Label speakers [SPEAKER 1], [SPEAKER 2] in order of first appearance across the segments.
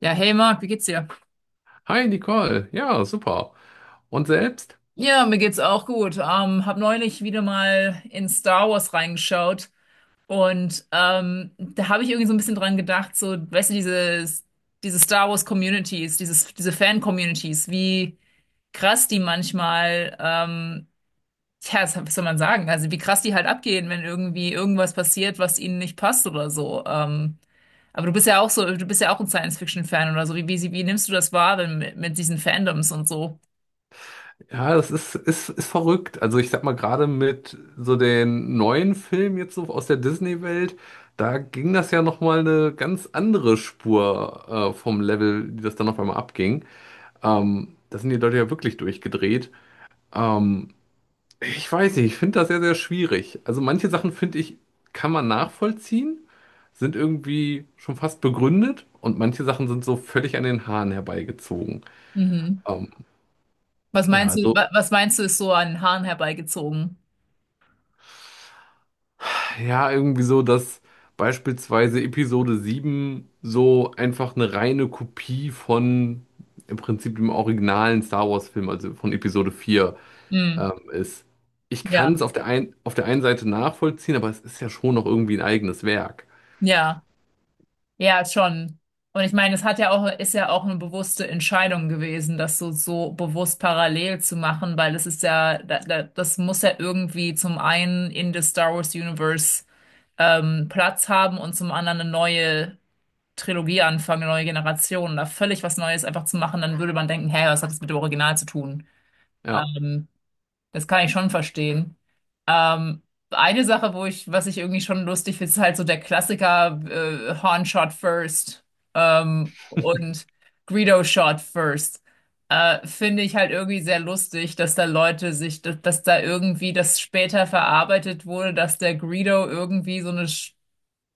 [SPEAKER 1] Ja, hey Marc, wie geht's dir?
[SPEAKER 2] Hi Nicole, ja, super. Und selbst?
[SPEAKER 1] Ja, mir geht's auch gut. Hab neulich wieder mal in Star Wars reingeschaut und da habe ich irgendwie so ein bisschen dran gedacht, so, weißt du, diese Star Wars Communities, diese Fan-Communities, wie krass die manchmal, ja, was soll man sagen, also wie krass die halt abgehen, wenn irgendwie irgendwas passiert, was ihnen nicht passt oder so. Aber du bist ja auch so, du bist ja auch ein Science-Fiction-Fan oder so. Wie nimmst du das wahr, wenn, mit diesen Fandoms und so?
[SPEAKER 2] Ja, das ist verrückt. Also ich sag mal, gerade mit so den neuen Filmen jetzt so aus der Disney-Welt, da ging das ja nochmal eine ganz andere Spur vom Level, die das dann auf einmal abging. Da sind die Leute ja wirklich durchgedreht. Ähm, ich weiß nicht, ich finde das sehr, sehr schwierig. Also manche Sachen finde ich, kann man nachvollziehen, sind irgendwie schon fast begründet und manche Sachen sind so völlig an den Haaren herbeigezogen.
[SPEAKER 1] Mhm.
[SPEAKER 2] Ähm,
[SPEAKER 1] Was
[SPEAKER 2] Ja,
[SPEAKER 1] meinst du,
[SPEAKER 2] also,
[SPEAKER 1] was meinst du, ist so an den Haaren herbeigezogen?
[SPEAKER 2] ja, irgendwie so, dass beispielsweise Episode 7 so einfach eine reine Kopie von im Prinzip dem originalen Star Wars-Film, also von Episode 4
[SPEAKER 1] Mhm.
[SPEAKER 2] ist. Ich
[SPEAKER 1] Ja,
[SPEAKER 2] kann es auf der einen Seite nachvollziehen, aber es ist ja schon noch irgendwie ein eigenes Werk.
[SPEAKER 1] ja, ja, schon. Und ich meine, es hat ja auch, ist ja auch eine bewusste Entscheidung gewesen, das so, so bewusst parallel zu machen, weil das ist ja, das muss ja irgendwie zum einen in das Star Wars Universe Platz haben und zum anderen eine neue Trilogie anfangen, eine neue Generation, da völlig was Neues einfach zu machen, dann würde man denken, hey, was hat das mit dem Original zu tun?
[SPEAKER 2] Ja.
[SPEAKER 1] Ähm, Das kann ich schon verstehen. Ähm, eine Sache, was ich irgendwie schon lustig finde, ist halt so der Klassiker Horn Shot First und Greedo Shot First. Finde ich halt irgendwie sehr lustig, dass da irgendwie das später verarbeitet wurde, dass der Greedo irgendwie so eine,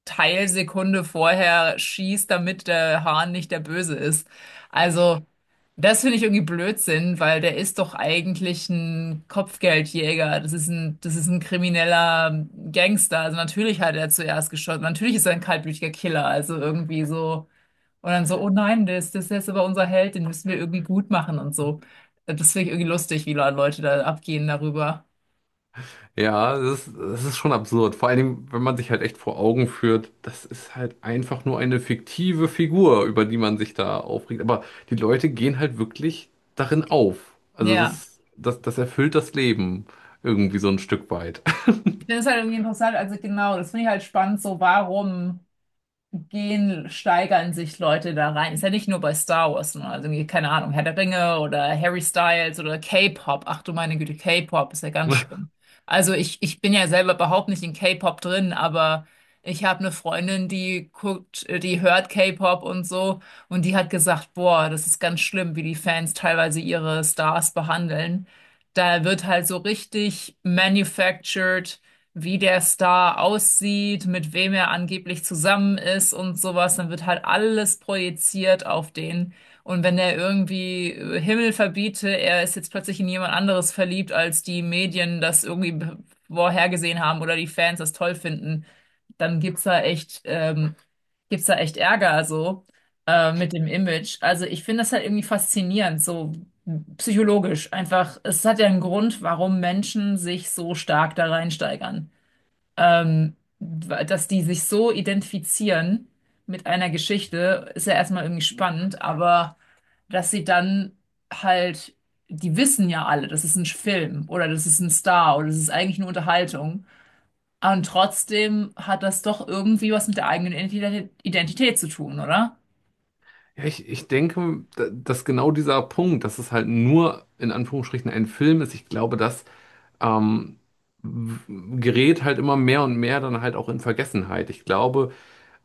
[SPEAKER 1] Teilsekunde vorher schießt, damit der Hahn nicht der Böse ist. Also, das finde ich irgendwie Blödsinn, weil der ist doch eigentlich ein Kopfgeldjäger. Das ist ein krimineller Gangster. Also natürlich hat er zuerst geschossen. Natürlich ist er ein kaltblütiger Killer. Also irgendwie so. Und dann so, oh nein, das ist jetzt aber unser Held, den müssen wir irgendwie gut machen und so. Das finde ich irgendwie lustig, wie Leute da abgehen darüber.
[SPEAKER 2] Ja, das ist schon absurd. Vor allen Dingen, wenn man sich halt echt vor Augen führt, das ist halt einfach nur eine fiktive Figur, über die man sich da aufregt. Aber die Leute gehen halt wirklich darin auf. Also
[SPEAKER 1] Ja,
[SPEAKER 2] das erfüllt das Leben irgendwie so ein Stück weit.
[SPEAKER 1] ich finde es halt irgendwie interessant, also genau, das finde ich halt spannend, so warum gehen, steigern sich Leute da rein. Ist ja nicht nur bei Star Wars, ne? Also irgendwie, keine Ahnung, Herr der Ringe oder Harry Styles oder K-Pop. Ach du meine Güte, K-Pop ist ja ganz schlimm. Ich bin ja selber überhaupt nicht in K-Pop drin, aber ich habe eine Freundin, die hört K-Pop und so und die hat gesagt, boah, das ist ganz schlimm, wie die Fans teilweise ihre Stars behandeln. Da wird halt so richtig manufactured wie der Star aussieht, mit wem er angeblich zusammen ist und sowas, dann wird halt alles projiziert auf den. Und wenn er irgendwie Himmel verbiete, er ist jetzt plötzlich in jemand anderes verliebt, als die Medien das irgendwie vorhergesehen haben oder die Fans das toll finden, dann gibt's da echt Ärger so mit dem Image. Also ich finde das halt irgendwie faszinierend, so psychologisch einfach. Es hat ja einen Grund, warum Menschen sich so stark da reinsteigern, ähm, dass die sich so identifizieren mit einer Geschichte, ist ja erstmal irgendwie spannend, aber dass sie dann halt, die wissen ja alle, das ist ein Film oder das ist ein Star oder das ist eigentlich eine Unterhaltung. Und trotzdem hat das doch irgendwie was mit der eigenen Identität zu tun, oder?
[SPEAKER 2] Ja, ich denke, dass genau dieser Punkt, dass es halt nur in Anführungsstrichen ein Film ist, ich glaube, das ähm, w- gerät halt immer mehr und mehr dann halt auch in Vergessenheit. Ich glaube.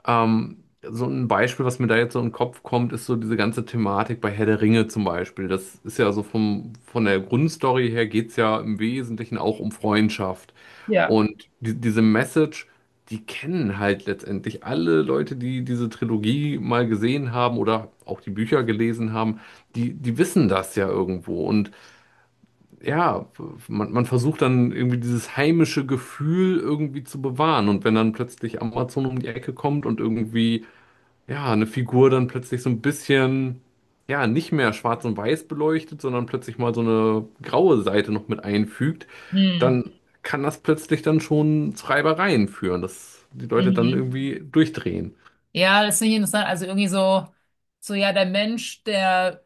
[SPEAKER 2] So ein Beispiel, was mir da jetzt so in den Kopf kommt, ist so diese ganze Thematik bei Herr der Ringe zum Beispiel. Das ist ja so von der Grundstory her geht's ja im Wesentlichen auch um Freundschaft.
[SPEAKER 1] Ja.
[SPEAKER 2] Und diese Message, die kennen halt letztendlich alle Leute, die diese Trilogie mal gesehen haben oder auch die Bücher gelesen haben, die wissen das ja irgendwo. Und ja, man versucht dann irgendwie dieses heimische Gefühl irgendwie zu bewahren. Und wenn dann plötzlich Amazon um die Ecke kommt und irgendwie ja, eine Figur dann plötzlich so ein bisschen, ja, nicht mehr schwarz und weiß beleuchtet, sondern plötzlich mal so eine graue Seite noch mit einfügt,
[SPEAKER 1] Hm,
[SPEAKER 2] dann kann das plötzlich dann schon zu Reibereien führen, dass die Leute dann
[SPEAKER 1] mhm.
[SPEAKER 2] irgendwie durchdrehen.
[SPEAKER 1] Ja, das finde ich interessant. Also irgendwie so, so ja,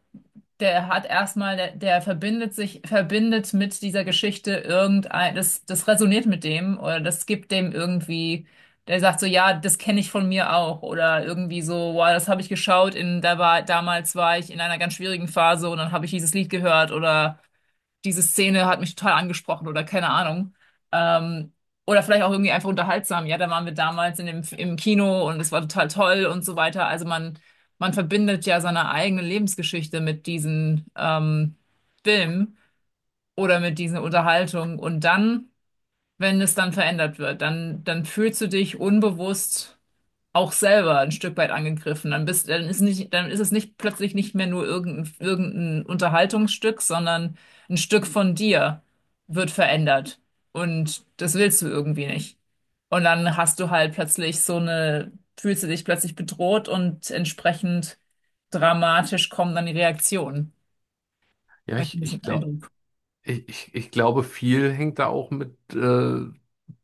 [SPEAKER 1] der hat erstmal, der verbindet sich, verbindet mit dieser Geschichte irgendein, das resoniert mit dem oder das gibt dem irgendwie, der sagt so, ja, das kenne ich von mir auch oder irgendwie so, wow, das habe ich geschaut in, damals war ich in einer ganz schwierigen Phase und dann habe ich dieses Lied gehört oder diese Szene hat mich total angesprochen oder keine Ahnung. Ähm, oder vielleicht auch irgendwie einfach unterhaltsam. Ja, da waren wir damals in im Kino und es war total toll und so weiter. Man verbindet ja seine eigene Lebensgeschichte mit diesen Filmen oder mit dieser Unterhaltung. Und dann, wenn es dann verändert wird, dann fühlst du dich unbewusst auch selber ein Stück weit angegriffen. Dann ist es nicht plötzlich nicht mehr nur irgendein Unterhaltungsstück, sondern ein Stück von dir wird verändert. Und das willst du irgendwie nicht. Und dann hast du halt plötzlich so eine, fühlst du dich plötzlich bedroht und entsprechend dramatisch kommen dann die Reaktionen.
[SPEAKER 2] Ja,
[SPEAKER 1] Habe ich ein
[SPEAKER 2] ich, ich
[SPEAKER 1] bisschen
[SPEAKER 2] glaube,
[SPEAKER 1] Eindruck.
[SPEAKER 2] Ich, ich, ich glaube, viel hängt da auch mit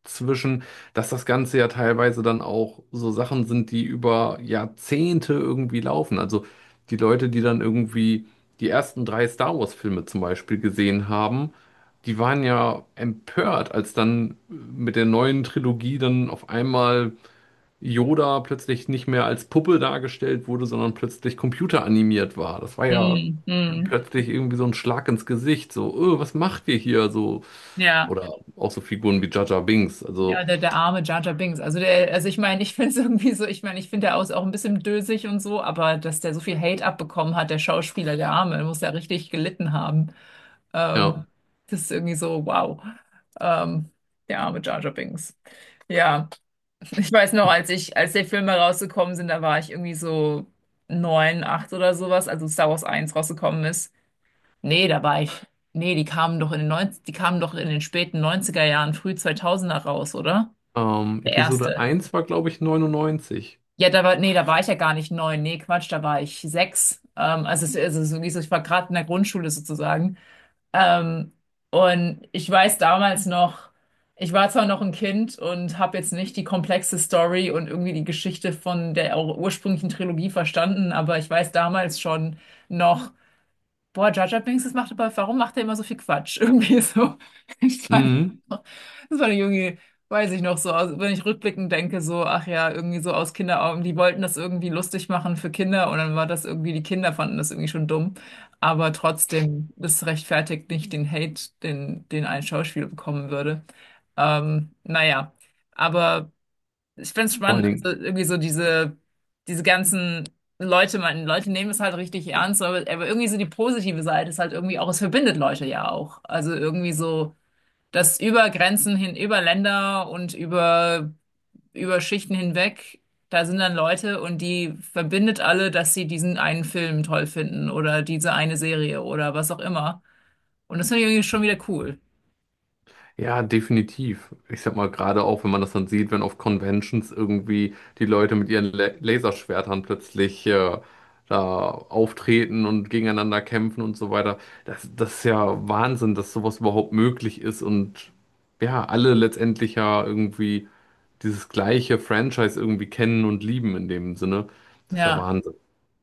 [SPEAKER 2] zwischen, dass das Ganze ja teilweise dann auch so Sachen sind, die über Jahrzehnte irgendwie laufen. Also die Leute, die dann irgendwie die ersten drei Star Wars-Filme zum Beispiel gesehen haben, die waren ja empört, als dann mit der neuen Trilogie dann auf einmal Yoda plötzlich nicht mehr als Puppe dargestellt wurde, sondern plötzlich computeranimiert war. Das war ja
[SPEAKER 1] Hm, hm,
[SPEAKER 2] plötzlich irgendwie so ein Schlag ins Gesicht, so, was macht ihr hier? So,
[SPEAKER 1] ja.
[SPEAKER 2] oder auch so Figuren wie Jar Jar Binks.
[SPEAKER 1] Ja,
[SPEAKER 2] Also,
[SPEAKER 1] der arme Jar Jar Binks. Also, der, also ich meine, ich finde es irgendwie so, ich meine, ich finde der aus auch ein bisschen dösig und so, aber dass der so viel Hate abbekommen hat, der Schauspieler, der Arme, der muss ja richtig gelitten haben.
[SPEAKER 2] ja,
[SPEAKER 1] Ähm, Das ist irgendwie so, wow. Ähm, Der arme Jar Jar Binks. Ja, ich weiß noch, als die Filme rausgekommen sind, da war ich irgendwie so neun, acht oder sowas, also Star Wars eins rausgekommen ist. Nee, da war ich. Nee, die kamen doch in den 90, die kamen doch in den späten neunziger Jahren, früh zweitausender raus, oder? Der
[SPEAKER 2] Episode
[SPEAKER 1] erste.
[SPEAKER 2] eins war, glaube ich, 99.
[SPEAKER 1] Ja, nee, da war ich ja gar nicht neun. Nee, Quatsch, da war ich sechs. Also es ist irgendwie so, ich war gerade in der Grundschule sozusagen. Ähm, und ich weiß damals noch, ich war zwar noch ein Kind und habe jetzt nicht die komplexe Story und irgendwie die Geschichte von der ursprünglichen Trilogie verstanden, aber ich weiß damals schon noch, boah, Jar Jar Binks, das macht aber, warum macht er immer so viel Quatsch? Irgendwie so. Ich weiß
[SPEAKER 2] Mhm.
[SPEAKER 1] noch. Das war der Junge, weiß ich noch so, wenn ich rückblickend denke, so, ach ja, irgendwie so aus Kinderaugen, die wollten das irgendwie lustig machen für Kinder und dann war das irgendwie, die Kinder fanden das irgendwie schon dumm. Aber trotzdem, das rechtfertigt nicht den Hate, den ein Schauspieler bekommen würde. Naja. Aber ich finde es
[SPEAKER 2] Vor allen
[SPEAKER 1] spannend. Also
[SPEAKER 2] Dingen.
[SPEAKER 1] irgendwie so diese, diese ganzen Leute, man, Leute nehmen es halt richtig ernst, aber irgendwie so die positive Seite ist halt irgendwie auch, es verbindet Leute ja auch. Also irgendwie so, dass über Grenzen hin, über Länder und über, über Schichten hinweg, da sind dann Leute und die verbindet alle, dass sie diesen einen Film toll finden oder diese eine Serie oder was auch immer. Und das finde ich irgendwie schon wieder cool.
[SPEAKER 2] Ja, definitiv. Ich sag mal, gerade auch, wenn man das dann sieht, wenn auf Conventions irgendwie die Leute mit ihren La Laserschwertern plötzlich da auftreten und gegeneinander kämpfen und so weiter. Das ist ja Wahnsinn, dass sowas überhaupt möglich ist und ja, alle letztendlich ja irgendwie dieses gleiche Franchise irgendwie kennen und lieben in dem Sinne. Das ist ja
[SPEAKER 1] Ja.
[SPEAKER 2] Wahnsinn.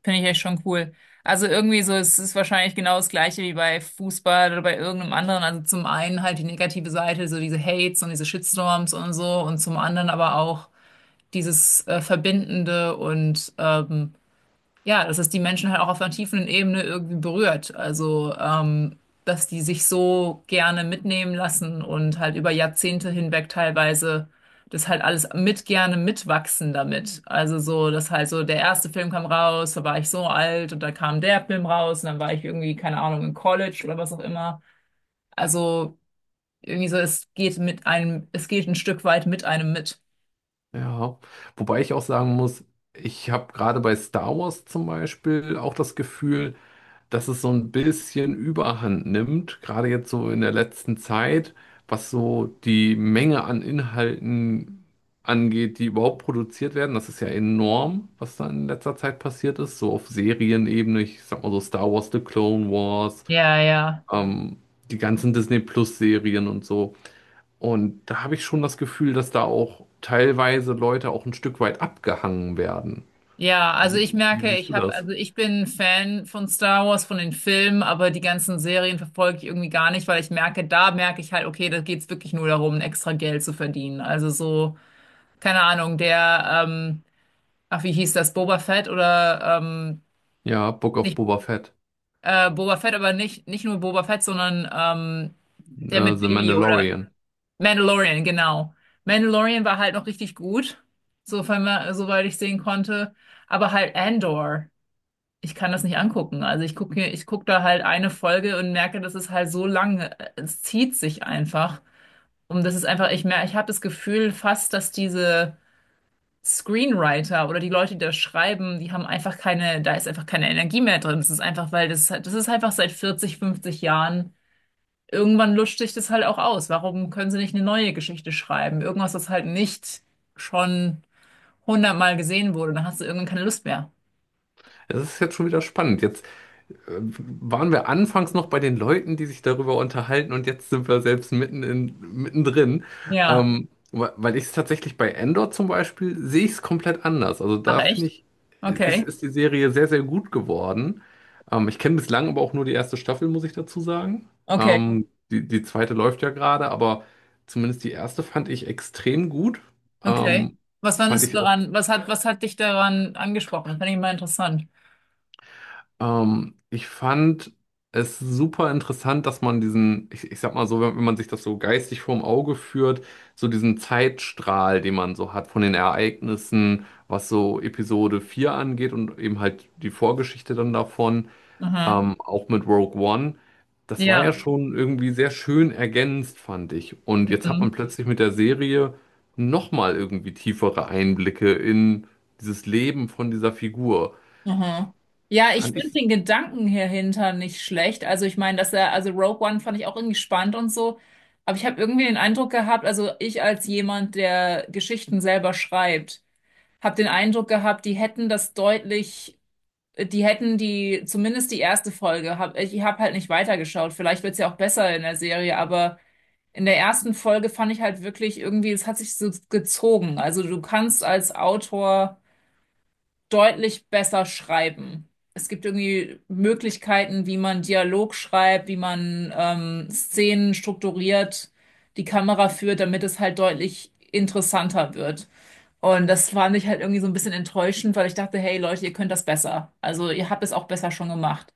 [SPEAKER 1] Finde ich echt schon cool. Also irgendwie so, es ist wahrscheinlich genau das Gleiche wie bei Fußball oder bei irgendeinem anderen. Also zum einen halt die negative Seite, so diese Hates und diese Shitstorms und so und zum anderen aber auch dieses Verbindende und ja, dass es die Menschen halt auch auf einer tiefen Ebene irgendwie berührt. Also, dass die sich so gerne mitnehmen lassen und halt über Jahrzehnte hinweg teilweise das halt alles mit gerne mitwachsen damit. Also so, dass halt so der erste Film kam raus, da war ich so alt und dann kam der Film raus und dann war ich irgendwie, keine Ahnung, im College oder was auch immer. Also irgendwie so, es geht mit einem, es geht ein Stück weit mit einem mit.
[SPEAKER 2] Ja, wobei ich auch sagen muss, ich habe gerade bei Star Wars zum Beispiel auch das Gefühl, dass es so ein bisschen Überhand nimmt, gerade jetzt so in der letzten Zeit, was so die Menge an Inhalten angeht, die überhaupt produziert werden. Das ist ja enorm, was da in letzter Zeit passiert ist, so auf Serienebene, ich sag mal so Star Wars, The Clone Wars,
[SPEAKER 1] Ja, ja.
[SPEAKER 2] ähm, die ganzen Disney Plus Serien und so. Und da habe ich schon das Gefühl, dass da auch teilweise Leute auch ein Stück weit abgehangen werden.
[SPEAKER 1] Ja, also ich
[SPEAKER 2] Wie
[SPEAKER 1] merke,
[SPEAKER 2] siehst
[SPEAKER 1] ich
[SPEAKER 2] du
[SPEAKER 1] habe,
[SPEAKER 2] das?
[SPEAKER 1] also ich bin Fan von Star Wars, von den Filmen, aber die ganzen Serien verfolge ich irgendwie gar nicht, weil ich merke, da merke ich halt, okay, da geht's wirklich nur darum, extra Geld zu verdienen. Also so, keine Ahnung, ach, wie hieß das, Boba Fett oder
[SPEAKER 2] Ja, Book of
[SPEAKER 1] nicht
[SPEAKER 2] Boba Fett,
[SPEAKER 1] Boba Fett, aber nicht, nicht nur Boba Fett, sondern der mit
[SPEAKER 2] The
[SPEAKER 1] Baby Yoda.
[SPEAKER 2] Mandalorian.
[SPEAKER 1] Mandalorian, genau. Mandalorian war halt noch richtig gut, sofern man, soweit ich sehen konnte. Aber halt Andor. Ich kann das nicht angucken. Ich guck da halt eine Folge und merke, das ist halt so lang, es zieht sich einfach. Und das ist einfach, ich merke, ich habe das Gefühl fast, dass diese Screenwriter oder die Leute, die das schreiben, die haben einfach keine, da ist einfach keine Energie mehr drin. Das ist einfach, weil das, das ist einfach seit 40, 50 Jahren. Irgendwann lutscht sich das halt auch aus. Warum können sie nicht eine neue Geschichte schreiben? Irgendwas, das halt nicht schon hundertmal gesehen wurde. Dann hast du irgendwann keine Lust mehr.
[SPEAKER 2] Das ist jetzt schon wieder spannend. Jetzt äh, waren wir anfangs noch bei den Leuten, die sich darüber unterhalten, und jetzt sind wir selbst mittendrin.
[SPEAKER 1] Ja.
[SPEAKER 2] Weil ich es tatsächlich bei Andor zum Beispiel sehe ich es komplett anders. Also
[SPEAKER 1] Ach
[SPEAKER 2] da finde
[SPEAKER 1] echt?
[SPEAKER 2] ich, ist,
[SPEAKER 1] Okay.
[SPEAKER 2] ist die Serie sehr, sehr gut geworden. Ich kenne bislang aber auch nur die erste Staffel, muss ich dazu sagen.
[SPEAKER 1] Okay.
[SPEAKER 2] Die zweite läuft ja gerade, aber zumindest die erste fand ich extrem gut.
[SPEAKER 1] Okay.
[SPEAKER 2] Ähm,
[SPEAKER 1] Was
[SPEAKER 2] Fand
[SPEAKER 1] fandest du
[SPEAKER 2] ich auch.
[SPEAKER 1] daran? Was hat dich daran angesprochen? Das fand ich immer interessant.
[SPEAKER 2] Ich fand es super interessant, dass man diesen, ich sag mal so, wenn man sich das so geistig vorm Auge führt, so diesen Zeitstrahl, den man so hat von den Ereignissen, was so Episode 4 angeht und eben halt die Vorgeschichte dann davon,
[SPEAKER 1] Aha.
[SPEAKER 2] auch mit Rogue One. Das war
[SPEAKER 1] Ja.
[SPEAKER 2] ja schon irgendwie sehr schön ergänzt, fand ich. Und jetzt hat man
[SPEAKER 1] Mhm.
[SPEAKER 2] plötzlich mit der Serie nochmal irgendwie tiefere Einblicke in dieses Leben von dieser Figur.
[SPEAKER 1] Aha. Ja, ich
[SPEAKER 2] Fand
[SPEAKER 1] finde
[SPEAKER 2] ich.
[SPEAKER 1] den Gedanken hier hinter nicht schlecht. Also ich meine, dass er, also Rogue One fand ich auch irgendwie spannend und so. Aber ich habe irgendwie den Eindruck gehabt, also ich als jemand, der Geschichten selber schreibt, habe den Eindruck gehabt, die hätten das deutlich, die hätten die, zumindest die erste Folge, hab, ich habe halt nicht weitergeschaut. Vielleicht wird's ja auch besser in der Serie, aber in der ersten Folge fand ich halt wirklich irgendwie, es hat sich so gezogen. Also du kannst als Autor deutlich besser schreiben. Es gibt irgendwie Möglichkeiten, wie man Dialog schreibt, wie man Szenen strukturiert, die Kamera führt, damit es halt deutlich interessanter wird. Und das fand ich halt irgendwie so ein bisschen enttäuschend, weil ich dachte, hey Leute, ihr könnt das besser. Also ihr habt es auch besser schon gemacht.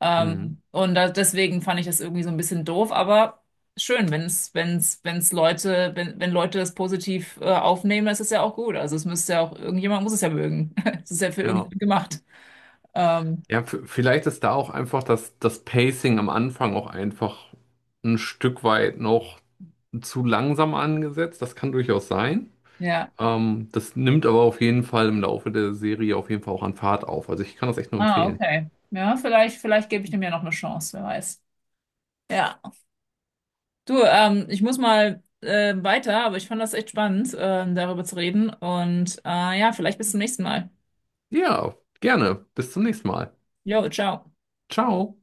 [SPEAKER 1] Deswegen fand ich das irgendwie so ein bisschen doof, aber schön, wenn's Leute, wenn Leute das positiv, aufnehmen, das ist ja auch gut. Also es müsste ja auch, irgendjemand muss es ja mögen. Es ist ja für
[SPEAKER 2] Ja,
[SPEAKER 1] irgendjemand gemacht. Ähm,
[SPEAKER 2] ja, vielleicht ist da auch einfach das Pacing am Anfang auch einfach ein Stück weit noch zu langsam angesetzt. Das kann durchaus sein.
[SPEAKER 1] ja.
[SPEAKER 2] Das nimmt aber auf jeden Fall im Laufe der Serie auf jeden Fall auch an Fahrt auf. Also ich kann das echt nur
[SPEAKER 1] Ah,
[SPEAKER 2] empfehlen.
[SPEAKER 1] okay. Ja, vielleicht gebe ich dem ja noch eine Chance, wer weiß. Ja. Du, ich muss mal weiter, aber ich fand das echt spannend, darüber zu reden. Und ja, vielleicht bis zum nächsten Mal.
[SPEAKER 2] Ja, gerne. Bis zum nächsten Mal.
[SPEAKER 1] Jo, ciao.
[SPEAKER 2] Ciao.